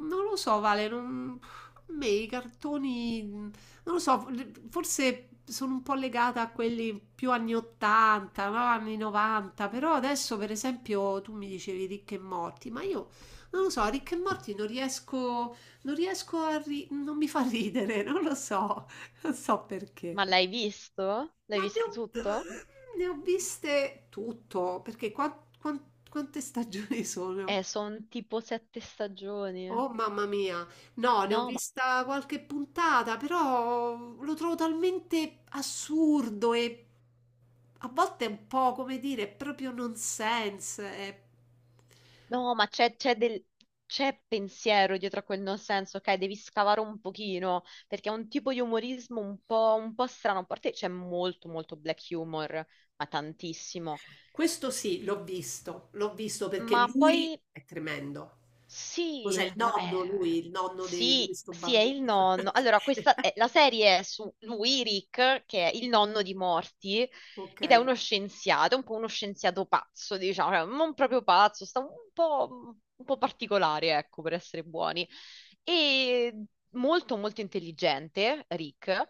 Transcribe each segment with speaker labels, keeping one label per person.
Speaker 1: Non lo so, Vale, non... a me i cartoni, non lo so, forse sono un po' legata a quelli più anni 80, no? Anni 90. Però adesso per esempio tu mi dicevi Ricche e Morti, ma io non lo so, Ricche e Morti non riesco, non mi fa ridere, non lo so, non so perché.
Speaker 2: Ma l'hai visto? L'hai
Speaker 1: Ma ne
Speaker 2: visto
Speaker 1: ho,
Speaker 2: tutto?
Speaker 1: ne ho viste tutto, perché quante stagioni sono?
Speaker 2: Sono tipo 7 stagioni.
Speaker 1: Oh mamma mia, no, ne ho
Speaker 2: No, ma,
Speaker 1: vista qualche puntata, però lo trovo talmente assurdo e a volte è un po', come dire, è proprio nonsense.
Speaker 2: no, ma c'è del... c'è pensiero dietro a quel non senso, ok? Devi scavare un pochino, perché è un tipo di umorismo un po' strano. A parte c'è molto, molto black humor, ma tantissimo.
Speaker 1: Questo sì, l'ho visto perché
Speaker 2: Ma
Speaker 1: lui
Speaker 2: poi
Speaker 1: è tremendo. Cos'è
Speaker 2: Sì,
Speaker 1: il
Speaker 2: ma
Speaker 1: nonno lui, il nonno di
Speaker 2: sì,
Speaker 1: questo
Speaker 2: sì, è
Speaker 1: bambino?
Speaker 2: il nonno. Allora, la serie è su lui, Rick, che è il nonno di Morty,
Speaker 1: Ok.
Speaker 2: ed è uno scienziato, un po' uno scienziato pazzo, diciamo, cioè, non proprio pazzo, sta un po' particolare, ecco, per essere buoni. E molto, molto intelligente, Rick.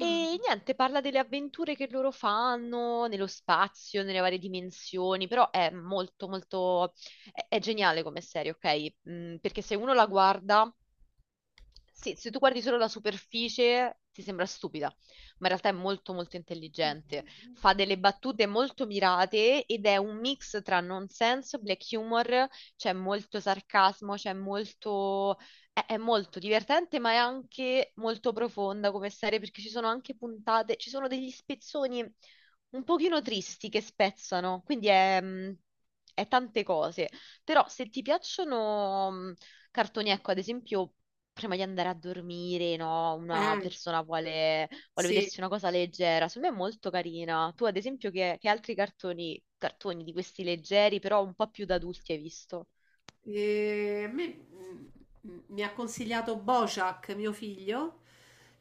Speaker 1: Mm.
Speaker 2: E niente, parla delle avventure che loro fanno nello spazio, nelle varie dimensioni, però è è geniale come serie, ok? Perché se uno la guarda, sì, se tu guardi solo la superficie ti sembra stupida, ma in realtà è molto molto intelligente. Fa delle battute molto mirate ed è un mix tra nonsense, black humor, c'è molto sarcasmo, c'è molto... È molto divertente, ma è anche molto profonda come serie perché ci sono anche puntate, ci sono degli spezzoni un pochino tristi che spezzano, quindi è tante cose, però se ti piacciono cartoni, ecco, ad esempio, prima di andare a dormire, no? Una
Speaker 1: Eh,
Speaker 2: persona vuole
Speaker 1: sì.
Speaker 2: vedersi una cosa leggera, secondo me è molto carina. Tu, ad esempio, che altri cartoni di questi leggeri, però un po' più da adulti hai visto?
Speaker 1: E a me, mi ha consigliato Bojack, mio figlio,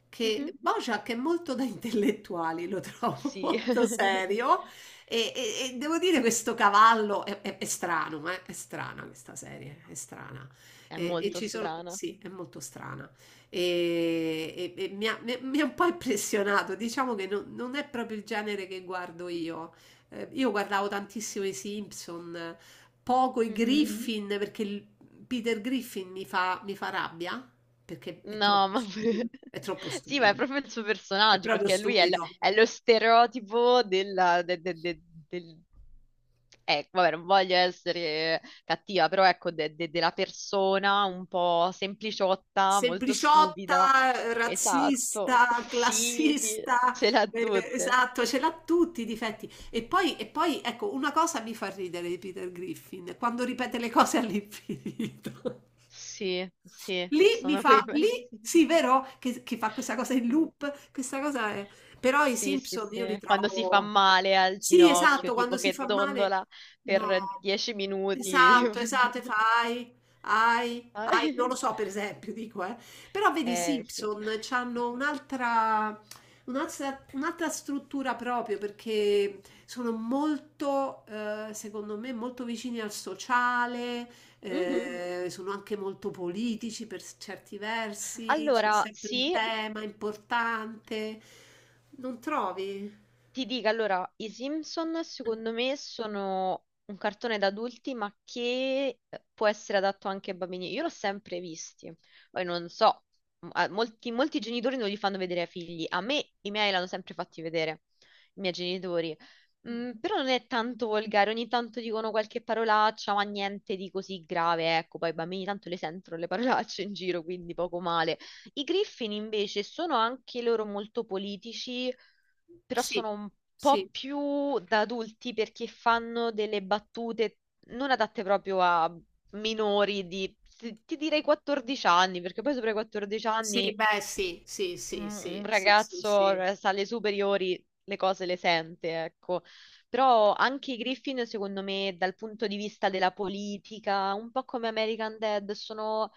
Speaker 1: che
Speaker 2: Mhm.
Speaker 1: Mh-mh. Bojack è molto da intellettuali, lo trovo sì,
Speaker 2: Sì,
Speaker 1: molto serio e devo dire questo cavallo è è strano, è strana questa serie, è strana.
Speaker 2: è molto
Speaker 1: Ci bellissimo. Sono
Speaker 2: strana.
Speaker 1: sì, è molto strana. Mi ha un po' impressionato, diciamo che non è proprio il genere che guardo io. Io guardavo tantissimo i Simpson, poco i
Speaker 2: Mhm.
Speaker 1: Griffin, mm-hmm. Peter Griffin mi fa rabbia perché è
Speaker 2: No,
Speaker 1: troppo stupido. È troppo
Speaker 2: sì, ma è
Speaker 1: stupido.
Speaker 2: proprio il suo
Speaker 1: È
Speaker 2: personaggio,
Speaker 1: proprio
Speaker 2: perché lui è, l-
Speaker 1: stupido.
Speaker 2: è lo stereotipo della, de- de- de- del... vabbè, non voglio essere cattiva, però ecco, della persona un po' sempliciotta, molto stupida.
Speaker 1: Sempliciotta,
Speaker 2: Esatto,
Speaker 1: razzista,
Speaker 2: sì, sì,
Speaker 1: classista,
Speaker 2: ce l'ha tutte.
Speaker 1: esatto, ce l'ha tutti i difetti. E poi, ecco, una cosa mi fa ridere di Peter Griffin, quando ripete le cose all'infinito.
Speaker 2: Sì, sì, ci
Speaker 1: Lì mi
Speaker 2: sono quei
Speaker 1: fa
Speaker 2: pezzi.
Speaker 1: lì sì, vero? Che fa questa cosa in
Speaker 2: Sì.
Speaker 1: loop, questa cosa è però i
Speaker 2: Sì, sì,
Speaker 1: Simpson io li
Speaker 2: sì, quando si fa
Speaker 1: trovo
Speaker 2: male al
Speaker 1: sì,
Speaker 2: ginocchio,
Speaker 1: esatto, quando
Speaker 2: tipo
Speaker 1: si
Speaker 2: che
Speaker 1: fa male,
Speaker 2: dondola
Speaker 1: no.
Speaker 2: per 10 minuti.
Speaker 1: Esatto, esatto, e fa "Ahi, ahi,
Speaker 2: tipo-
Speaker 1: ahi", non lo so per esempio, dico, eh. Però vedi i
Speaker 2: Eh sì.
Speaker 1: Simpson c'hanno un'altra un'altra struttura proprio perché sono molto, secondo me molto vicini al sociale,
Speaker 2: Mhm.
Speaker 1: sono anche molto politici per certi versi, c'è
Speaker 2: Allora,
Speaker 1: sempre un
Speaker 2: sì,
Speaker 1: tema importante, non trovi?
Speaker 2: ti dico allora, i Simpson secondo me sono un cartone da adulti, ma che può essere adatto anche ai bambini. Io l'ho sempre visti, poi non so, molti, molti genitori non li fanno vedere ai figli. A me i miei l'hanno sempre fatti vedere, i miei genitori.
Speaker 1: Mm.
Speaker 2: Mm, però non è tanto volgare, ogni tanto dicono qualche parolaccia, ma niente di così grave, ecco, poi i bambini tanto le sentono le parolacce in giro, quindi poco male. I Griffin invece sono anche loro molto politici, però
Speaker 1: Sì,
Speaker 2: sono un po'
Speaker 1: sì,
Speaker 2: più da adulti perché fanno delle battute non adatte proprio a minori di, ti direi 14 anni, perché poi sopra i 14
Speaker 1: sì,
Speaker 2: anni
Speaker 1: beh, sì, sì,
Speaker 2: un,
Speaker 1: sì,
Speaker 2: un
Speaker 1: sì, sì, sì,
Speaker 2: ragazzo
Speaker 1: sì.
Speaker 2: sa le superiori, le cose le sente, ecco. Però anche i Griffin, secondo me, dal punto di vista della politica, un po' come American Dad, sono,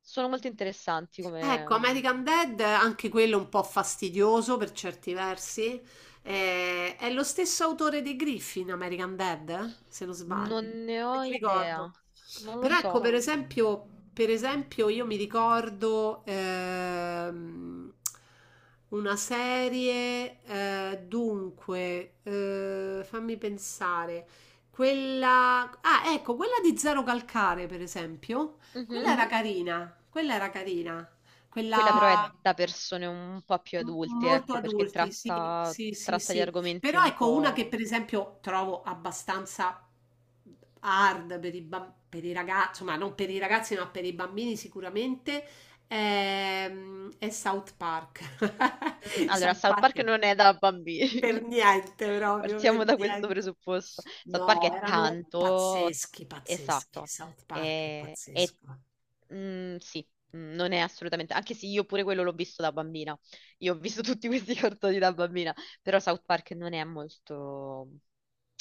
Speaker 2: sono molto interessanti
Speaker 1: Ecco,
Speaker 2: come.
Speaker 1: American Dead, anche quello un po' fastidioso per certi versi. È lo stesso autore di Griffin, American Dead, eh? Se non sbaglio.
Speaker 2: Non
Speaker 1: Non me
Speaker 2: ne
Speaker 1: lo
Speaker 2: ho idea,
Speaker 1: ricordo.
Speaker 2: non lo
Speaker 1: Però ecco,
Speaker 2: so.
Speaker 1: per esempio io mi ricordo una serie, dunque, fammi pensare, quella... Ah, ecco, quella di Zero Calcare, per esempio.
Speaker 2: Mhm.
Speaker 1: Quella era carina, quella era carina.
Speaker 2: Quella però è
Speaker 1: Quella
Speaker 2: da persone un po' più
Speaker 1: m
Speaker 2: adulte,
Speaker 1: molto
Speaker 2: ecco, perché
Speaker 1: adulti, sì,
Speaker 2: tratta,
Speaker 1: sì, sì,
Speaker 2: tratta di
Speaker 1: sì.
Speaker 2: argomenti
Speaker 1: Però
Speaker 2: un
Speaker 1: ecco una che
Speaker 2: po'.
Speaker 1: per esempio trovo abbastanza hard per i, per i ragazzi, insomma non per i ragazzi ma per i bambini sicuramente, è South Park.
Speaker 2: Allora,
Speaker 1: South
Speaker 2: South
Speaker 1: Park
Speaker 2: Park
Speaker 1: è
Speaker 2: non è da bambini.
Speaker 1: per niente proprio, per
Speaker 2: Partiamo da questo
Speaker 1: niente.
Speaker 2: presupposto. South Park
Speaker 1: No,
Speaker 2: è
Speaker 1: erano
Speaker 2: tanto,
Speaker 1: pazzeschi, pazzeschi.
Speaker 2: esatto,
Speaker 1: South Park è
Speaker 2: e-
Speaker 1: pazzesco.
Speaker 2: mm, sì, mm, non è assolutamente, anche se io pure quello l'ho visto da bambina, io ho visto tutti questi cartoni da bambina, però South Park non è molto,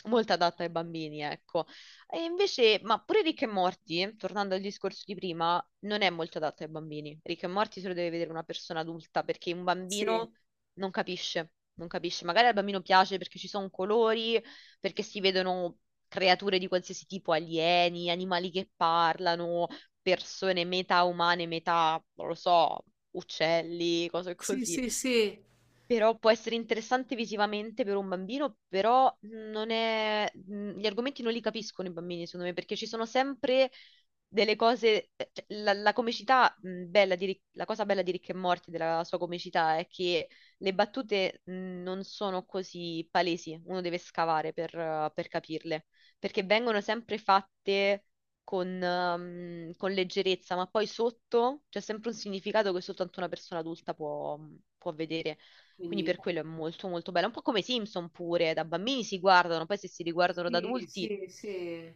Speaker 2: molto adatto ai bambini, ecco. E invece, ma pure Rick e Morty, tornando al discorso di prima, non è molto adatto ai bambini. Rick e Morty se lo deve vedere una persona adulta perché un bambino
Speaker 1: Sì,
Speaker 2: non capisce, non capisce. Magari al bambino piace perché ci sono colori, perché si vedono creature di qualsiasi tipo, alieni, animali che parlano, persone metà umane, metà, non lo so, uccelli, cose
Speaker 1: sì,
Speaker 2: così.
Speaker 1: sì, sì.
Speaker 2: Però può essere interessante visivamente per un bambino, però non è... gli argomenti non li capiscono i bambini, secondo me, perché ci sono sempre delle cose... cioè, la comicità, la cosa bella di Rick e Morty, della sua comicità, è che le battute non sono così palesi, uno deve scavare per capirle, perché vengono sempre fatte con leggerezza, ma poi sotto c'è sempre un significato che soltanto una persona adulta può vedere. Quindi
Speaker 1: Quindi
Speaker 2: per quello è molto molto bella. Un po' come i Simpson pure, da bambini si guardano, poi se si riguardano da
Speaker 1: sì,
Speaker 2: adulti,
Speaker 1: sì, sì.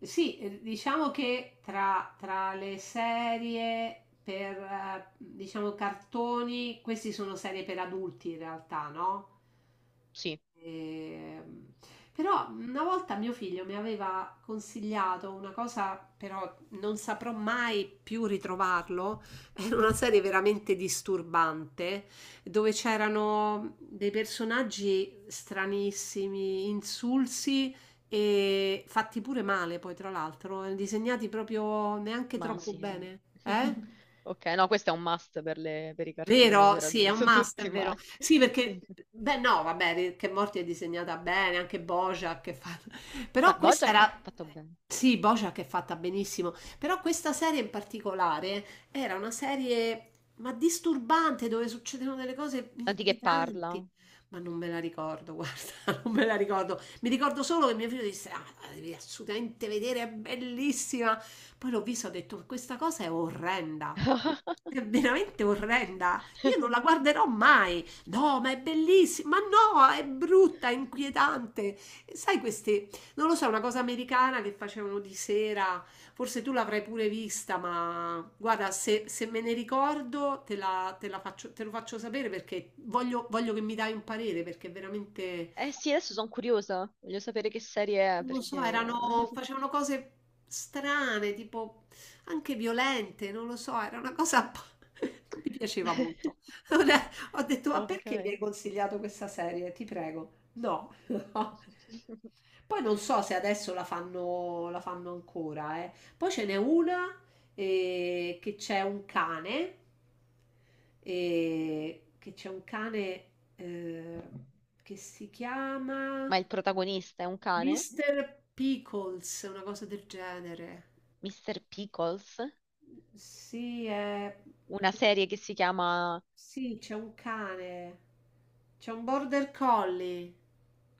Speaker 1: Sì, diciamo che tra, tra le serie per, diciamo, cartoni, queste sono serie per adulti in realtà, no?
Speaker 2: sì,
Speaker 1: Ehm, Però una volta mio figlio mi aveva consigliato una cosa, però non saprò mai più ritrovarlo, era una serie veramente disturbante, dove c'erano dei personaggi stranissimi, insulsi e fatti pure male, poi tra l'altro, disegnati proprio neanche
Speaker 2: ma
Speaker 1: troppo
Speaker 2: sì.
Speaker 1: bene, eh?
Speaker 2: Ok, no, questo è un must per, le- per i cartoni
Speaker 1: Vero?
Speaker 2: per
Speaker 1: Sì, è un
Speaker 2: adulti,
Speaker 1: must, è
Speaker 2: tutti, ma...
Speaker 1: vero. Sì, perché,
Speaker 2: Sì.
Speaker 1: beh, no, vabbè, che Morti è disegnata bene, anche Bojack è fatta.
Speaker 2: Beh,
Speaker 1: Però questa
Speaker 2: BoJack è
Speaker 1: era.
Speaker 2: fatto bene.
Speaker 1: Sì, Bojack è fatta benissimo. Però questa serie in particolare era una serie, ma disturbante, dove succedono delle cose
Speaker 2: Tanti che parla.
Speaker 1: inquietanti. Ma non me la ricordo, guarda, non me la ricordo. Mi ricordo solo che mio figlio disse: Ah, la devi assolutamente vedere, è bellissima. Poi l'ho vista e ho detto, questa cosa è orrenda. È veramente orrenda. Io non la guarderò mai. No, ma è bellissima. Ma no, è brutta, è inquietante. Sai queste, non lo so, una cosa americana che facevano di sera. Forse tu l'avrai pure vista, ma guarda, se me ne ricordo te la faccio, te lo faccio sapere perché voglio, voglio che mi dai un parere perché è veramente
Speaker 2: Eh sì, adesso sono curiosa. Voglio sapere che serie è,
Speaker 1: non lo so,
Speaker 2: perché...
Speaker 1: erano, facevano cose strane, tipo anche violente, non lo so, era una cosa non mi piaceva molto. Allora, ho detto, ma
Speaker 2: Ok.
Speaker 1: perché mi hai consigliato questa serie? Ti prego. No. Poi non so se adesso la fanno ancora, eh. Poi ce n'è una che c'è un cane, eh, che c'è un cane eh, che si chiama...
Speaker 2: Ma il protagonista è un cane?
Speaker 1: Mr. Pickles, una cosa del genere.
Speaker 2: Mr. Pickles,
Speaker 1: Sì,
Speaker 2: una serie che si chiama...
Speaker 1: sì, c'è un cane, c'è un border collie.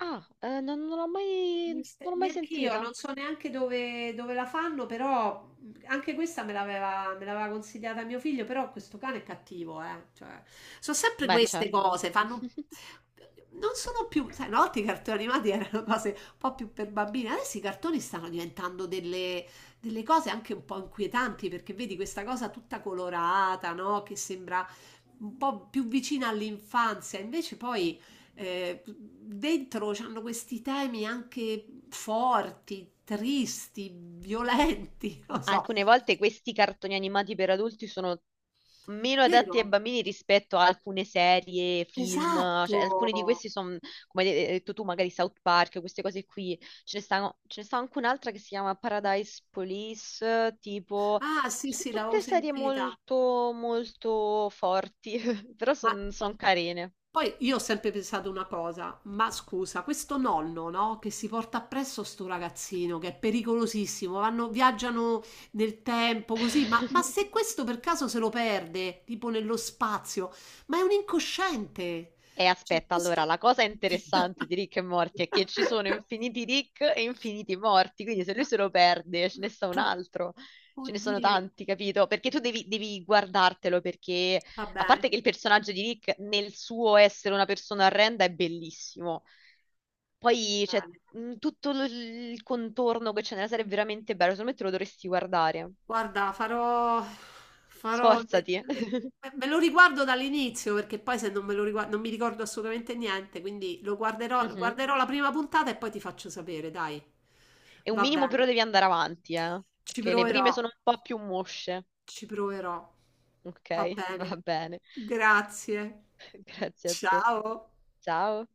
Speaker 2: Ah, non, non l'ho mai... non l'ho mai
Speaker 1: Neanch'io,
Speaker 2: sentita.
Speaker 1: non so neanche dove, dove la fanno, però anche questa me l'aveva consigliata mio figlio, però questo cane è cattivo, eh. Cioè, sono sempre
Speaker 2: Beh,
Speaker 1: queste
Speaker 2: certo.
Speaker 1: cose, fanno... Non sono più... Sai, una volta i cartoni animati erano cose un po' più per bambini, adesso i cartoni stanno diventando delle, delle cose anche un po' inquietanti, perché vedi questa cosa tutta colorata, no? Che sembra un po' più vicina all'infanzia, invece poi dentro c'hanno questi temi anche forti, tristi, violenti,
Speaker 2: Ma
Speaker 1: non so.
Speaker 2: alcune volte questi cartoni animati per adulti sono meno adatti ai
Speaker 1: Vero?
Speaker 2: bambini rispetto a alcune serie, film,
Speaker 1: Esatto.
Speaker 2: cioè alcuni di questi sono, come hai detto tu, magari South Park, queste cose qui. Ce ne stanno, ce ne sta anche un'altra che si chiama Paradise Police, tipo,
Speaker 1: Ah, sì,
Speaker 2: sono
Speaker 1: sì, l'avevo
Speaker 2: tutte serie
Speaker 1: sentita.
Speaker 2: molto, molto forti, però
Speaker 1: Ma
Speaker 2: sono carine.
Speaker 1: poi io ho sempre pensato una cosa, ma scusa, questo nonno, no, che si porta appresso sto ragazzino, che è pericolosissimo, vanno, viaggiano nel tempo così, ma se questo per caso se lo perde, tipo nello spazio, ma è un incosciente.
Speaker 2: E
Speaker 1: Cioè,
Speaker 2: aspetta, allora,
Speaker 1: questo...
Speaker 2: la cosa interessante di Rick e Morty è che ci sono infiniti Rick e infiniti morti, quindi se lui se lo perde ce ne sta un altro, ce ne sono
Speaker 1: Oddio,
Speaker 2: tanti, capito? Perché tu devi guardartelo, perché
Speaker 1: va
Speaker 2: a
Speaker 1: bene,
Speaker 2: parte che il personaggio di Rick nel suo essere una persona orrenda è bellissimo, poi
Speaker 1: va
Speaker 2: c'è
Speaker 1: bene.
Speaker 2: mh, tutto l- il contorno che c'è nella serie è veramente bello, secondo me te lo dovresti guardare,
Speaker 1: Guarda, farò farò
Speaker 2: sforzati.
Speaker 1: le me lo riguardo dall'inizio, perché poi se non me lo rigua non mi ricordo assolutamente niente, quindi lo guarderò
Speaker 2: Mhm.
Speaker 1: guarderò la prima puntata e poi ti faccio sapere, dai.
Speaker 2: E un
Speaker 1: Va
Speaker 2: minimo
Speaker 1: bene.
Speaker 2: però devi andare avanti,
Speaker 1: Ci
Speaker 2: perché le prime
Speaker 1: proverò,
Speaker 2: sono un po' più mosce.
Speaker 1: ci proverò.
Speaker 2: Ok,
Speaker 1: Va bene.
Speaker 2: va bene.
Speaker 1: Grazie.
Speaker 2: Grazie a te.
Speaker 1: Ciao.
Speaker 2: Ciao.